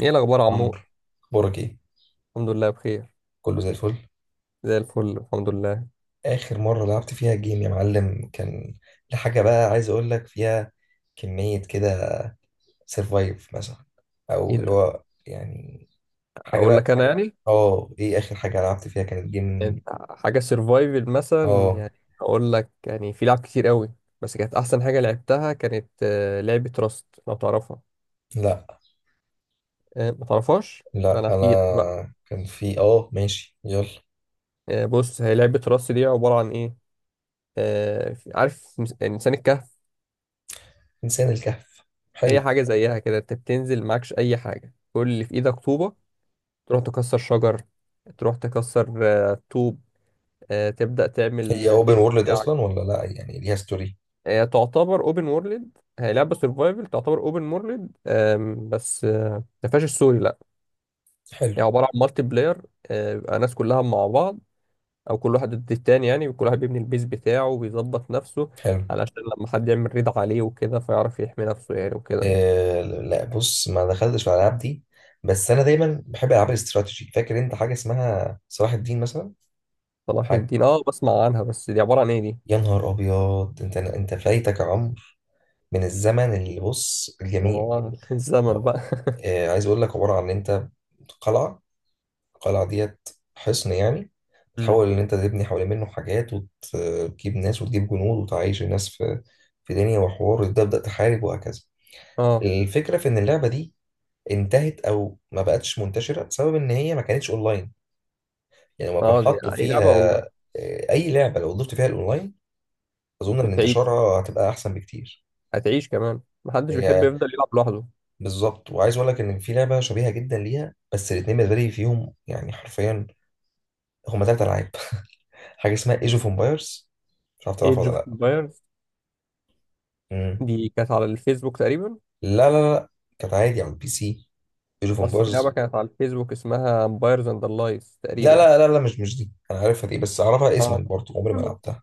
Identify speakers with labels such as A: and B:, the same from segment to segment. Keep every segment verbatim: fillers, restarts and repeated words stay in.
A: ايه الاخبار يا
B: عمرو،
A: عمور؟
B: اخبارك ايه؟
A: الحمد لله، بخير.
B: كله زي الفل.
A: زي الفل، الحمد لله.
B: اخر مره لعبت فيها جيم يا معلم كان لحاجه، بقى عايز اقول لك فيها كميه كده، سرفايف مثلا،
A: ايه
B: او اللي
A: ده؟
B: هو يعني حاجه
A: اقول
B: بقى.
A: لك، انا يعني،
B: اه ايه اخر حاجه لعبت فيها كانت جيم؟
A: انت حاجه سرفايفل مثلا
B: اه.
A: يعني؟ اقول لك يعني في لعب كتير قوي، بس كانت احسن حاجه لعبتها كانت آه، لعبه راست، لو تعرفها.
B: لا،
A: آه، ما تعرفهاش؟ ده
B: لا
A: انا احكي لك بقى.
B: انا كان في اه ماشي، يلا.
A: آه، بص، هي لعبه راست دي عباره عن ايه. آه، في- عارف مس- انسان الكهف؟
B: انسان الكهف،
A: هي
B: حلو.
A: حاجه زيها كده، انت بتنزل معكش اي حاجه، كل اللي في ايدك طوبه. تروح تكسر شجر، تروح تكسر آه، طوب، آه، تبدا تعمل
B: هي
A: آه،
B: اوبن
A: بيت.
B: وورلد اصلا ولا لا؟ يعني ليها ستوري؟
A: هي تعتبر اوبن وورلد، هي لعبه سرفايفل تعتبر اوبن وورلد. بس آه، ما فيهاش السوري، لا.
B: حلو.
A: يعني عباره عن مالتي بلاير، آه، بيبقى ناس كلها مع بعض او كل واحد ضد التاني، يعني كل واحد بيبني البيز بتاعه وبيظبط نفسه
B: حلو.
A: علشان لما حد يعمل ريد عليه وكده فيعرف يحمي نفسه يعني، وكده.
B: آه، لا، بص، ما دخلتش في الالعاب دي، بس انا دايما بحب العاب الاستراتيجي. فاكر انت حاجه اسمها صلاح الدين مثلا؟
A: صلاح
B: حاجه.
A: الدين؟ اه، بسمع عنها بس دي عباره عن ايه دي؟
B: يا نهار ابيض، انت انت فايتك، عمر، من الزمن. اللي بص، الجميل.
A: عبارة عن الزمن بقى
B: آه، عايز اقول لك، عباره عن ان انت قلعه، القلعه ديت، حصن يعني،
A: مم.
B: تحاول ان انت تبني حوالين منه حاجات وتجيب ناس وتجيب جنود وتعيش الناس في في دنيا وحوار، وتبدا تحارب وهكذا.
A: اه.
B: الفكره في ان اللعبه دي انتهت او ما بقتش منتشره بسبب ان هي ما كانتش اونلاين. يعني لو كان
A: اه، دي
B: حطوا
A: اي لعبه
B: فيها،
A: والله.
B: آه، اي لعبه لو ضفت فيها الاونلاين، اظن ان
A: بتعيش،
B: انتشارها هتبقى احسن بكتير.
A: هتعيش كمان، محدش بيحب
B: هي
A: يفضل يلعب لوحده.
B: بالظبط. وعايز اقول لك ان في لعبه شبيهه جدا ليها، بس الاثنين بالنسبه لي فيهم، يعني حرفيا، هما ثلاث العاب. حاجه اسمها ايج اوف امبايرز، مش عارف تعرفها
A: ايج
B: ولا
A: اوف؟
B: لا. مم.
A: دي كانت على الفيسبوك تقريبا.
B: لا لا لا، كانت عادي على البي سي، ايج اوف
A: اصل في لعبه
B: امبايرز.
A: كانت على الفيسبوك اسمها امبايرز اند لايز
B: لا
A: تقريبا.
B: لا لا لا، مش مش دي، انا عارفها دي، بس اعرفها اسما
A: اه.
B: برضه، عمري ما لعبتها.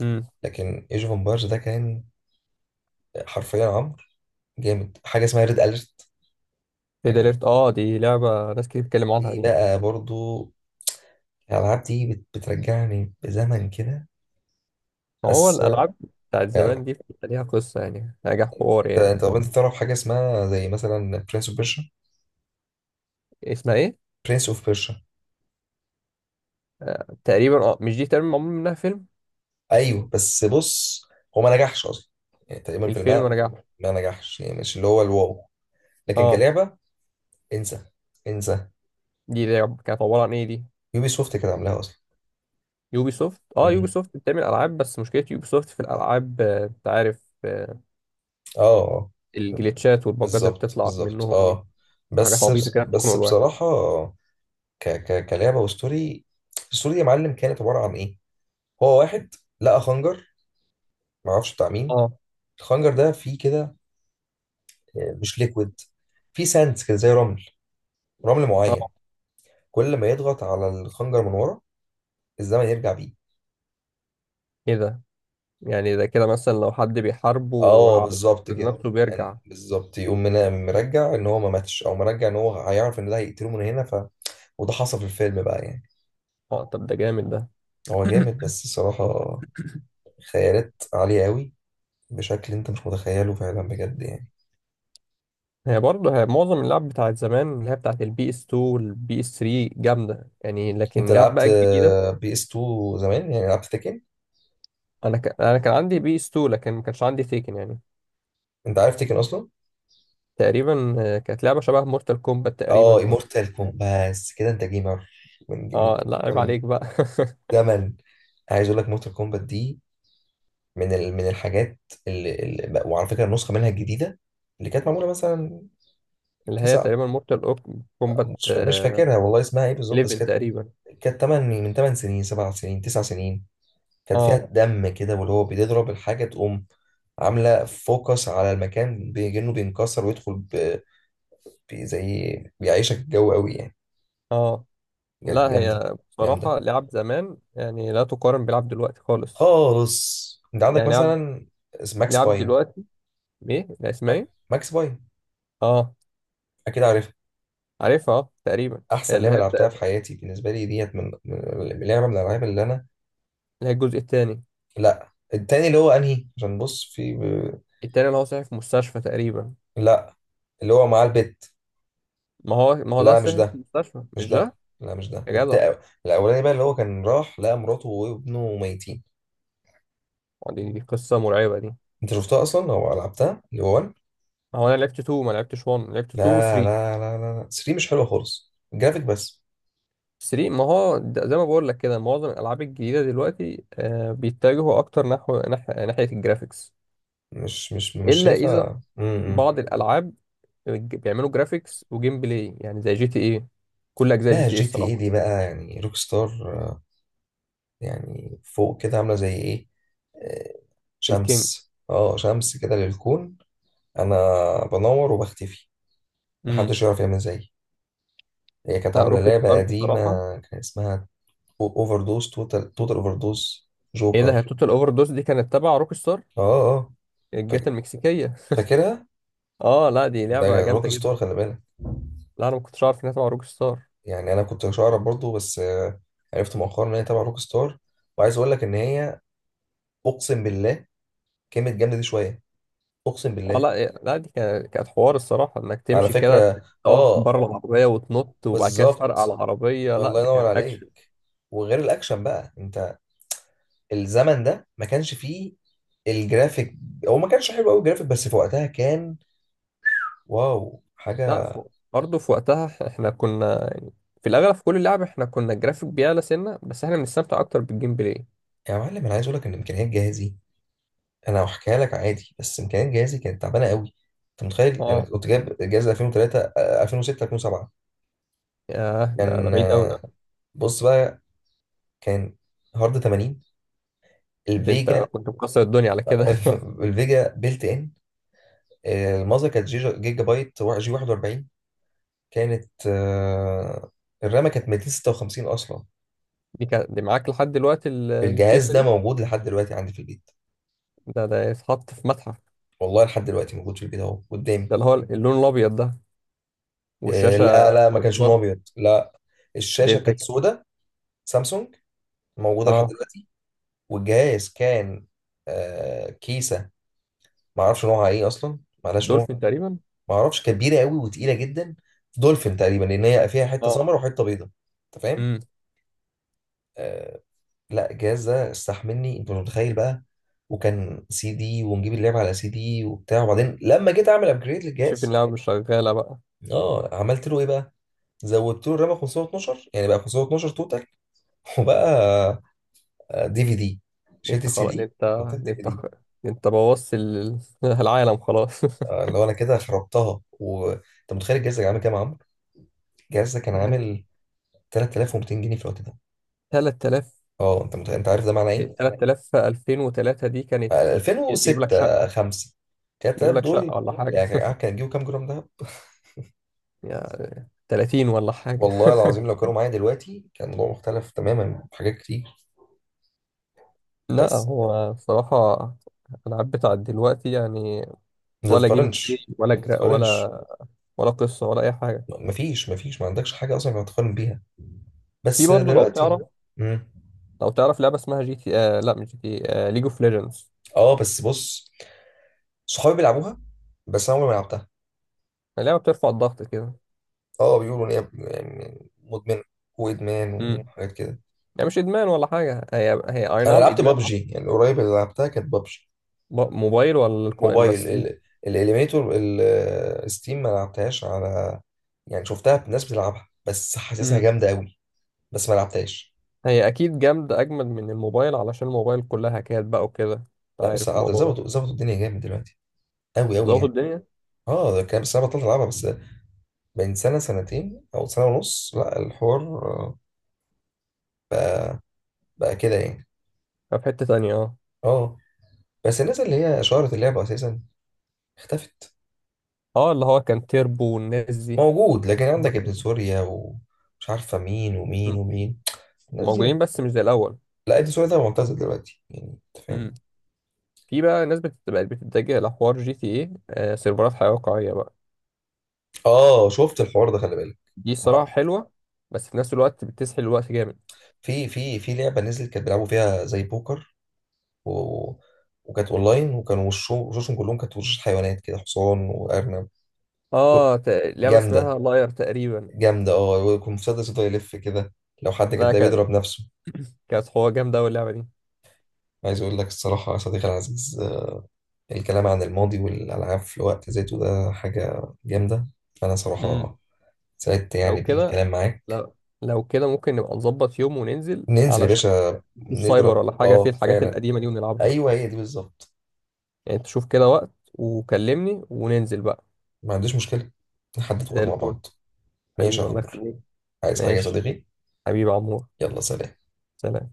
A: امم.
B: لكن ايج اوف امبايرز ده كان حرفيا، عمرو، جامد. حاجة اسمها ريد أليرت
A: ريد
B: يعني.
A: اليرت؟ اه، دي لعبه ناس كتير بتتكلم عنها
B: دي
A: دي.
B: بقى برضو، الألعاب دي بت- بترجعني بزمن كده.
A: ما هو
B: بس
A: الالعاب بتاعت
B: يعني،
A: زمان دي بيبقى ليها قصه، يعني نجاح، حوار
B: انت
A: يعني.
B: انت طب انت تعرف حاجة اسمها زي مثلا برنس اوف بيرشا؟
A: اسمها ايه؟
B: برنس اوف بيرشا.
A: آه. تقريبا، اه، مش دي تقريبا معمول منها فيلم؟
B: ايوه، بس بص، هو ما نجحش اصلا، يعني تقريبا في
A: الفيلم
B: الماء.
A: نجاح.
B: ما نجحش، يعني مش اللي هو الواو، لكن
A: اه.
B: كلعبة انسى، انسى.
A: دي لعبه كانت عباره عن ايه دي؟
B: يوبي سوفت كانت عاملاها اصلا.
A: يوبي سوفت؟ اه، يوبي
B: مم.
A: سوفت بتعمل العاب، بس مشكله يوبي سوفت في الالعاب، آه، انت عارف آه،
B: اه. اه
A: الجليتشات والبجات اللي
B: بالظبط،
A: بتطلع
B: بالظبط،
A: منهم دي.
B: اه.
A: حاجات
B: بس،
A: عبيطه كده بتكون
B: بس
A: الواحد.
B: بصراحة، ك ك كلعبه وستوري، الستوري يا معلم كانت عباره عن ايه؟ هو واحد لقى خنجر، ما اعرفش بتاع مين.
A: اه.
B: الخنجر ده فيه كده، آه، مش ليكويد، فيه ساندز كده زي رمل، رمل معين.
A: اه.
B: كل ما يضغط على الخنجر من ورا، الزمن يرجع بيه.
A: ايه ده؟ يعني ده كده مثلا لو حد بيحاربه
B: اه
A: وعاوز
B: بالظبط
A: ينقذ
B: كده،
A: نفسه بيرجع.
B: يعني بالظبط، يقوم من مرجع ان هو ما ماتش، او مرجع ان هو هيعرف ان ده هيقتله من هنا، ف وده حصل في الفيلم بقى يعني.
A: اه، طب ده جامد ده.
B: هو جامد، بس الصراحه خيالات عاليه قوي، بشكل انت مش متخيله فعلا، بجد يعني.
A: هي برضه هي معظم اللعب بتاعت زمان، اللي هي بتاعت البي اس اتنين والبي اس ثلاثة، جامده يعني. لكن
B: انت
A: اللعب
B: لعبت
A: بقى الجديده،
B: بي اس اتنين زمان؟ يعني لعبت تكن،
A: انا ك... انا كان عندي بي اس اتنين لكن ما كانش عندي تيكن يعني.
B: انت عارف تكن اصلا؟
A: تقريبا آه، كانت لعبه شبه مورتال كومبات
B: اه
A: تقريبا، ولا؟
B: مورتال كومبات، بس كده انت جيمر من
A: اه،
B: جيم
A: لا عيب
B: زمن،
A: عليك بقى
B: زمن. عايز اقول لك، مورتال كومبات دي من ال... من الحاجات اللي... اللي... وعلى فكره، النسخه منها الجديده اللي كانت معموله مثلا.
A: اللي هي
B: تسع،
A: تقريبا مورتال كومبات
B: مش فا- مش فاكرها والله اسمها ايه بالظبط، بس
A: احداشر
B: كانت،
A: تقريبا.
B: كانت تمانية، من تمن سنين، سبعة سنين، تسعة سنين. كانت فيها
A: اه.
B: دم كده، واللي هو بتضرب الحاجه تقوم عامله فوكس على المكان، بيجنه، بينكسر ويدخل في زي، بيعيشك الجو قوي يعني،
A: اه،
B: بجد
A: لا
B: جامده.
A: هي
B: جامده
A: بصراحة لعب زمان، يعني لا تقارن بلعب دلوقتي خالص.
B: خالص. انت عندك
A: يعني لعب،
B: مثلا اس- ماكس
A: لعب
B: باين.
A: دلوقتي. ايه، لا اسمها ايه؟
B: ماكس باين،
A: اه.
B: اكيد عارفها.
A: عارفها، اه تقريبا.
B: احسن
A: اللي
B: لعبه
A: هي بتاع،
B: لعبتها في حياتي بالنسبه لي ديت، من من- لعبه من الالعاب اللي انا.
A: اللي هي الجزء التاني؟
B: لا التاني، اللي هو انهي؟ عشان بص، في ب...
A: التاني اللي هو صحي في مستشفى تقريبا.
B: لا اللي هو معاه البت.
A: ما هو ما هو ده
B: لا مش
A: صحي في
B: ده،
A: مستشفى،
B: مش
A: مش ده؟
B: ده. لا مش ده،
A: يا جدع!
B: التا... الاولاني بقى، اللي هو كان راح لقى مراته وابنه ميتين.
A: ما دي, دي قصة مرعبة دي.
B: انت شفتها اصلا او لعبتها، اللي هو واحد؟
A: ما هو انا لعبت اتنين، ما لعبتش واحد، لعبت اتنين و
B: لا
A: تلاته.
B: لا لا لا لا، تلاتة مش حلوه خالص، الجرافيك بس.
A: تلاته، ما هو ده زي ما بقول لك كده، معظم الالعاب الجديدة دلوقتي آه بيتجهوا اكتر نحو نح... ناحية الجرافيكس.
B: مش مش مش
A: الا اذا
B: شايفها. امم إمم.
A: بعض الالعاب الج- بيعملوا جرافيكس وجيم بلاي، يعني زي جي تي ايه. كل اجزاء جي
B: لا
A: تي ايه
B: جي تي اي
A: الصراحه.
B: دي بقى يعني، روك ستار، آه، يعني فوق كده، عامله زي ايه؟ آه،
A: الكينج.
B: شمس، اه شمس كده للكون. انا بنور وبختفي،
A: امم.
B: محدش يعرف يعمل زيي. هي كانت
A: لا،
B: عامله
A: روك
B: لعبه
A: ستار
B: قديمه،
A: بصراحه.
B: كان اسمها اوفر دوز، توتال توتال اوفر دوز،
A: ايه ده؟ هي
B: جوكر.
A: توتال اوفر دوز دي كانت تبع روك ستار؟
B: اه. اه
A: الجات
B: فاك-
A: المكسيكيه!
B: فاكرها.
A: اه، لا دي لعبه
B: ده روك
A: جامده
B: ستار،
A: جدا.
B: خلي بالك.
A: لا، انا ما كنتش عارف انها تبع روك ستار.
B: يعني انا كنت مش اعرف برضه، بس آه، عرفت مؤخرا ان هي تبع روك ستار. وعايز اقول لك ان هي، اقسم بالله، كلمة جامدة دي شوية، أقسم
A: اه،
B: بالله.
A: لا إيه، لا دي كانت كانت حوار الصراحه، انك
B: على
A: تمشي كده،
B: فكرة
A: تقف
B: آه
A: بره العربيه وتنط وبعد كده تفرقع
B: بالظبط.
A: العربيه. لا
B: الله
A: ده
B: ينور
A: كان اكشن.
B: عليك. وغير الأكشن بقى، أنت الزمن ده ما كانش فيه الجرافيك. هو ما كانش حلو قوي الجرافيك، بس في وقتها كان واو
A: لا ف-
B: حاجة.
A: برضه في وقتها احنا كنا يعني، في الاغلب في كل لعبه احنا كنا الجرافيك بيعلى سنه، بس احنا بنستمتع اكتر بالجيم بلاي.
B: يا معلم، أنا عايز أقول لك إن إمكانيات جهازي، أنا هحكيها لك عادي، بس إمكانيات جهازي كانت تعبانة قوي. أنت متخيل، أنا
A: اه.
B: كنت جايب جهاز الفين وثلاثة، آه، الفين وستة، الفين وسبعة.
A: ياه، ده ده
B: كان،
A: بعيد قوي.
B: آه، بص بقى، كان هارد تمانين،
A: ده انت
B: الفيجا.
A: كنت مكسر الدنيا على كده
B: الفيجا بيلت ان، الماذر كانت جيجا, جيجا بايت، وا- جي واحد واربعين، كانت، آه، الرامة كانت ميتين وستة وخمسين أصلا.
A: دي كان دي معاك لحد دلوقتي، ال-
B: الجهاز
A: الكيسه
B: ده
A: دي؟
B: موجود لحد دلوقتي عندي في البيت.
A: ده ده يتحط في متحف.
B: والله لحد دلوقتي موجود في البيت، أهو قدامي.
A: ده اللي هو اللون الابيض ده؟
B: آه،
A: والشاشه؟
B: لا لا، ما كانش لون
A: الله.
B: أبيض، لا.
A: دي
B: الشاشة
A: انت
B: كانت
A: ك-
B: سودة، سامسونج، موجودة لحد
A: اه.
B: دلوقتي. والجهاز كان، آه، كيسة، ما أعرفش نوعها إيه أصلا، معلهاش نوع.
A: دولفين تقريبا.
B: ما أعرفش، كبيرة قوي وتقيلة جدا. دولفين تقريبا، لأن هي فيها حتة
A: اه.
B: سمر وحتة بيضة. أنت فاهم؟
A: امم.
B: آه، لا الجهاز ده استحملني، انت مش متخيل بقى. وكان سي دي، ونجيب اللعبه على سي دي وبتاع. وبعدين لما جيت اعمل ابجريد
A: اكتشف
B: للجهاز،
A: اللعبه مش شغاله بقى.
B: اه، عملت له ايه بقى؟ زودت له الرامه خمسمئة واثني عشر، يعني بقى خمسمئة واثني عشر توتال. وبقى دي في دي،
A: دي
B: شلت
A: انت
B: السي
A: خلاص. دي
B: دي،
A: انت
B: حطيت
A: دي
B: دي في
A: انت
B: دي.
A: خ- دي انت بوظت ال- العالم خلاص
B: آه، اللي هو انا كده خربتها. وانت متخيل الجهاز ده كان عامل كام يا عمرو؟ الجهاز ده كان
A: يعني
B: عامل ثلاثة آلاف ومئتين جنيه في الوقت ده.
A: تلات تلاف.
B: اه انت متخيل؟ انت عارف ده معناه ايه؟
A: تلات تلاف، ألفين وثلاثة دي كانت
B: آه،
A: تجيب لك
B: الفين وستة،
A: شقة،
B: خمسة.
A: تجيب
B: تلات تلاف
A: لك
B: دول،
A: شقة ولا حاجة
B: يعني عارف كان هتجيبوا كام جرام دهب؟
A: يا تلاتين ولا حاجة
B: والله العظيم لو كانوا معايا دلوقتي، كان الموضوع مختلف تماما في حاجات كتير.
A: لا،
B: بس
A: هو بصراحة الألعاب بتاعت دلوقتي يعني،
B: ما
A: ولا جيم بلاي
B: تتقارنش،
A: ولا
B: ما
A: جرا
B: تتقارنش.
A: ولا، ولا قصة ولا أي حاجة.
B: مفيش مفيش ما عندكش حاجة أصلا ينفع تقارن بيها.
A: في
B: بس
A: برضه لو
B: دلوقتي.
A: تعرف،
B: مم.
A: لو تعرف لعبة اسمها جي تي آه لا مش جي تي، آه ليج اوف ليجندز.
B: اه بس بص، صحابي بيلعبوها، بس انا عمري ما لعبتها.
A: لعبة بترفع الضغط كده.
B: اه، بيقولوا ان هي يعني مدمنه، وادمان
A: امم.
B: وحاجات كده.
A: يعني مش إدمان ولا حاجة، هي هي أي
B: انا
A: نعم
B: لعبت
A: إدمان آه،
B: بابجي، يعني قريب اللي لعبتها كانت بابجي.
A: ب- موبايل ولا الكو- ولا
B: موبايل،
A: ستيم؟
B: ال- الاليميتور الستيم ما لعبتهاش، على يعني شفتها ناس بتلعبها، بس حاسسها جامده قوي، بس ما لعبتهاش.
A: هي اكيد جامدة، اجمل من الموبايل، علشان الموبايل كلها هكات بقى وكده، انت
B: لا بس
A: عارف
B: أقدر،
A: الموضوع
B: ظبطوا،
A: ده.
B: ظبطوا الدنيا جامد دلوقتي، قوي قوي
A: ظبط
B: يعني.
A: الدنيا.
B: اه ده كام سنه بطلت العبها بس، بين سنه، سنتين، او سنه ونص. لا الحوار آه، بقى كده يعني.
A: في حتة تانية اه.
B: اه، بس الناس اللي هي شهرت اللعبه اساسا اختفت.
A: اه، اللي هو كان تيربو والناس دي.
B: موجود، لكن عندك ابن سوريا ومش عارفه مين ومين
A: م-
B: ومين، الناس دي.
A: موجودين بس مش زي الاول.
B: لا، ابن سوريا ده معتزل دلوقتي يعني، انت فاهم؟
A: امم. في بقى ناس بت- بقت بتتجه لحوار جي تي ايه، آه سيرفرات حياة واقعية بقى.
B: اه شفت الحوار ده، خلي بالك.
A: دي
B: ما-
A: الصراحة حلوة، بس في نفس الوقت بتسحل الوقت جامد.
B: في، في في لعبه نزلت، كانت بيلعبوا فيها زي بوكر، و... وكانت اونلاين، وكانوا وشو- وشوشهم كلهم كانت وشوش حيوانات كده، حصان وارنب.
A: اه. ت- لعبة
B: جامده.
A: اسمها لاير تقريبا.
B: جامده. اه، ويكون مسدس يفضل يلف كده، لو حد كان
A: لا،
B: ده،
A: كانت،
B: بيضرب نفسه.
A: كانت حوار جامدة أوي اللعبة دي.
B: عايز اقول لك الصراحه يا صديقي العزيز، آه، الكلام عن الماضي والالعاب في وقت ذاته ده حاجه جامده. فانا
A: امم.
B: صراحه سعدت يعني
A: لو كده،
B: بالكلام معاك.
A: لو لو كده ممكن نبقى نظبط يوم وننزل،
B: ننزل يا
A: علشان
B: باشا،
A: مش سايبر
B: نضرب،
A: ولا حاجة، في
B: اه
A: الحاجات
B: فعلا.
A: القديمة دي ونلعبها.
B: ايوه هي دي بالظبط.
A: يعني تشوف كده وقت وكلمني وننزل بقى.
B: ما عنديش مشكله، نحدد
A: زي
B: وقت مع
A: الفل.
B: بعض. ماشي
A: حبيبي
B: يا
A: الله
B: عمرو.
A: يخليك.
B: عايز حاجه يا
A: ماشي.
B: صديقي؟
A: حبيبي يا عمور.
B: يلا سلام.
A: سلام.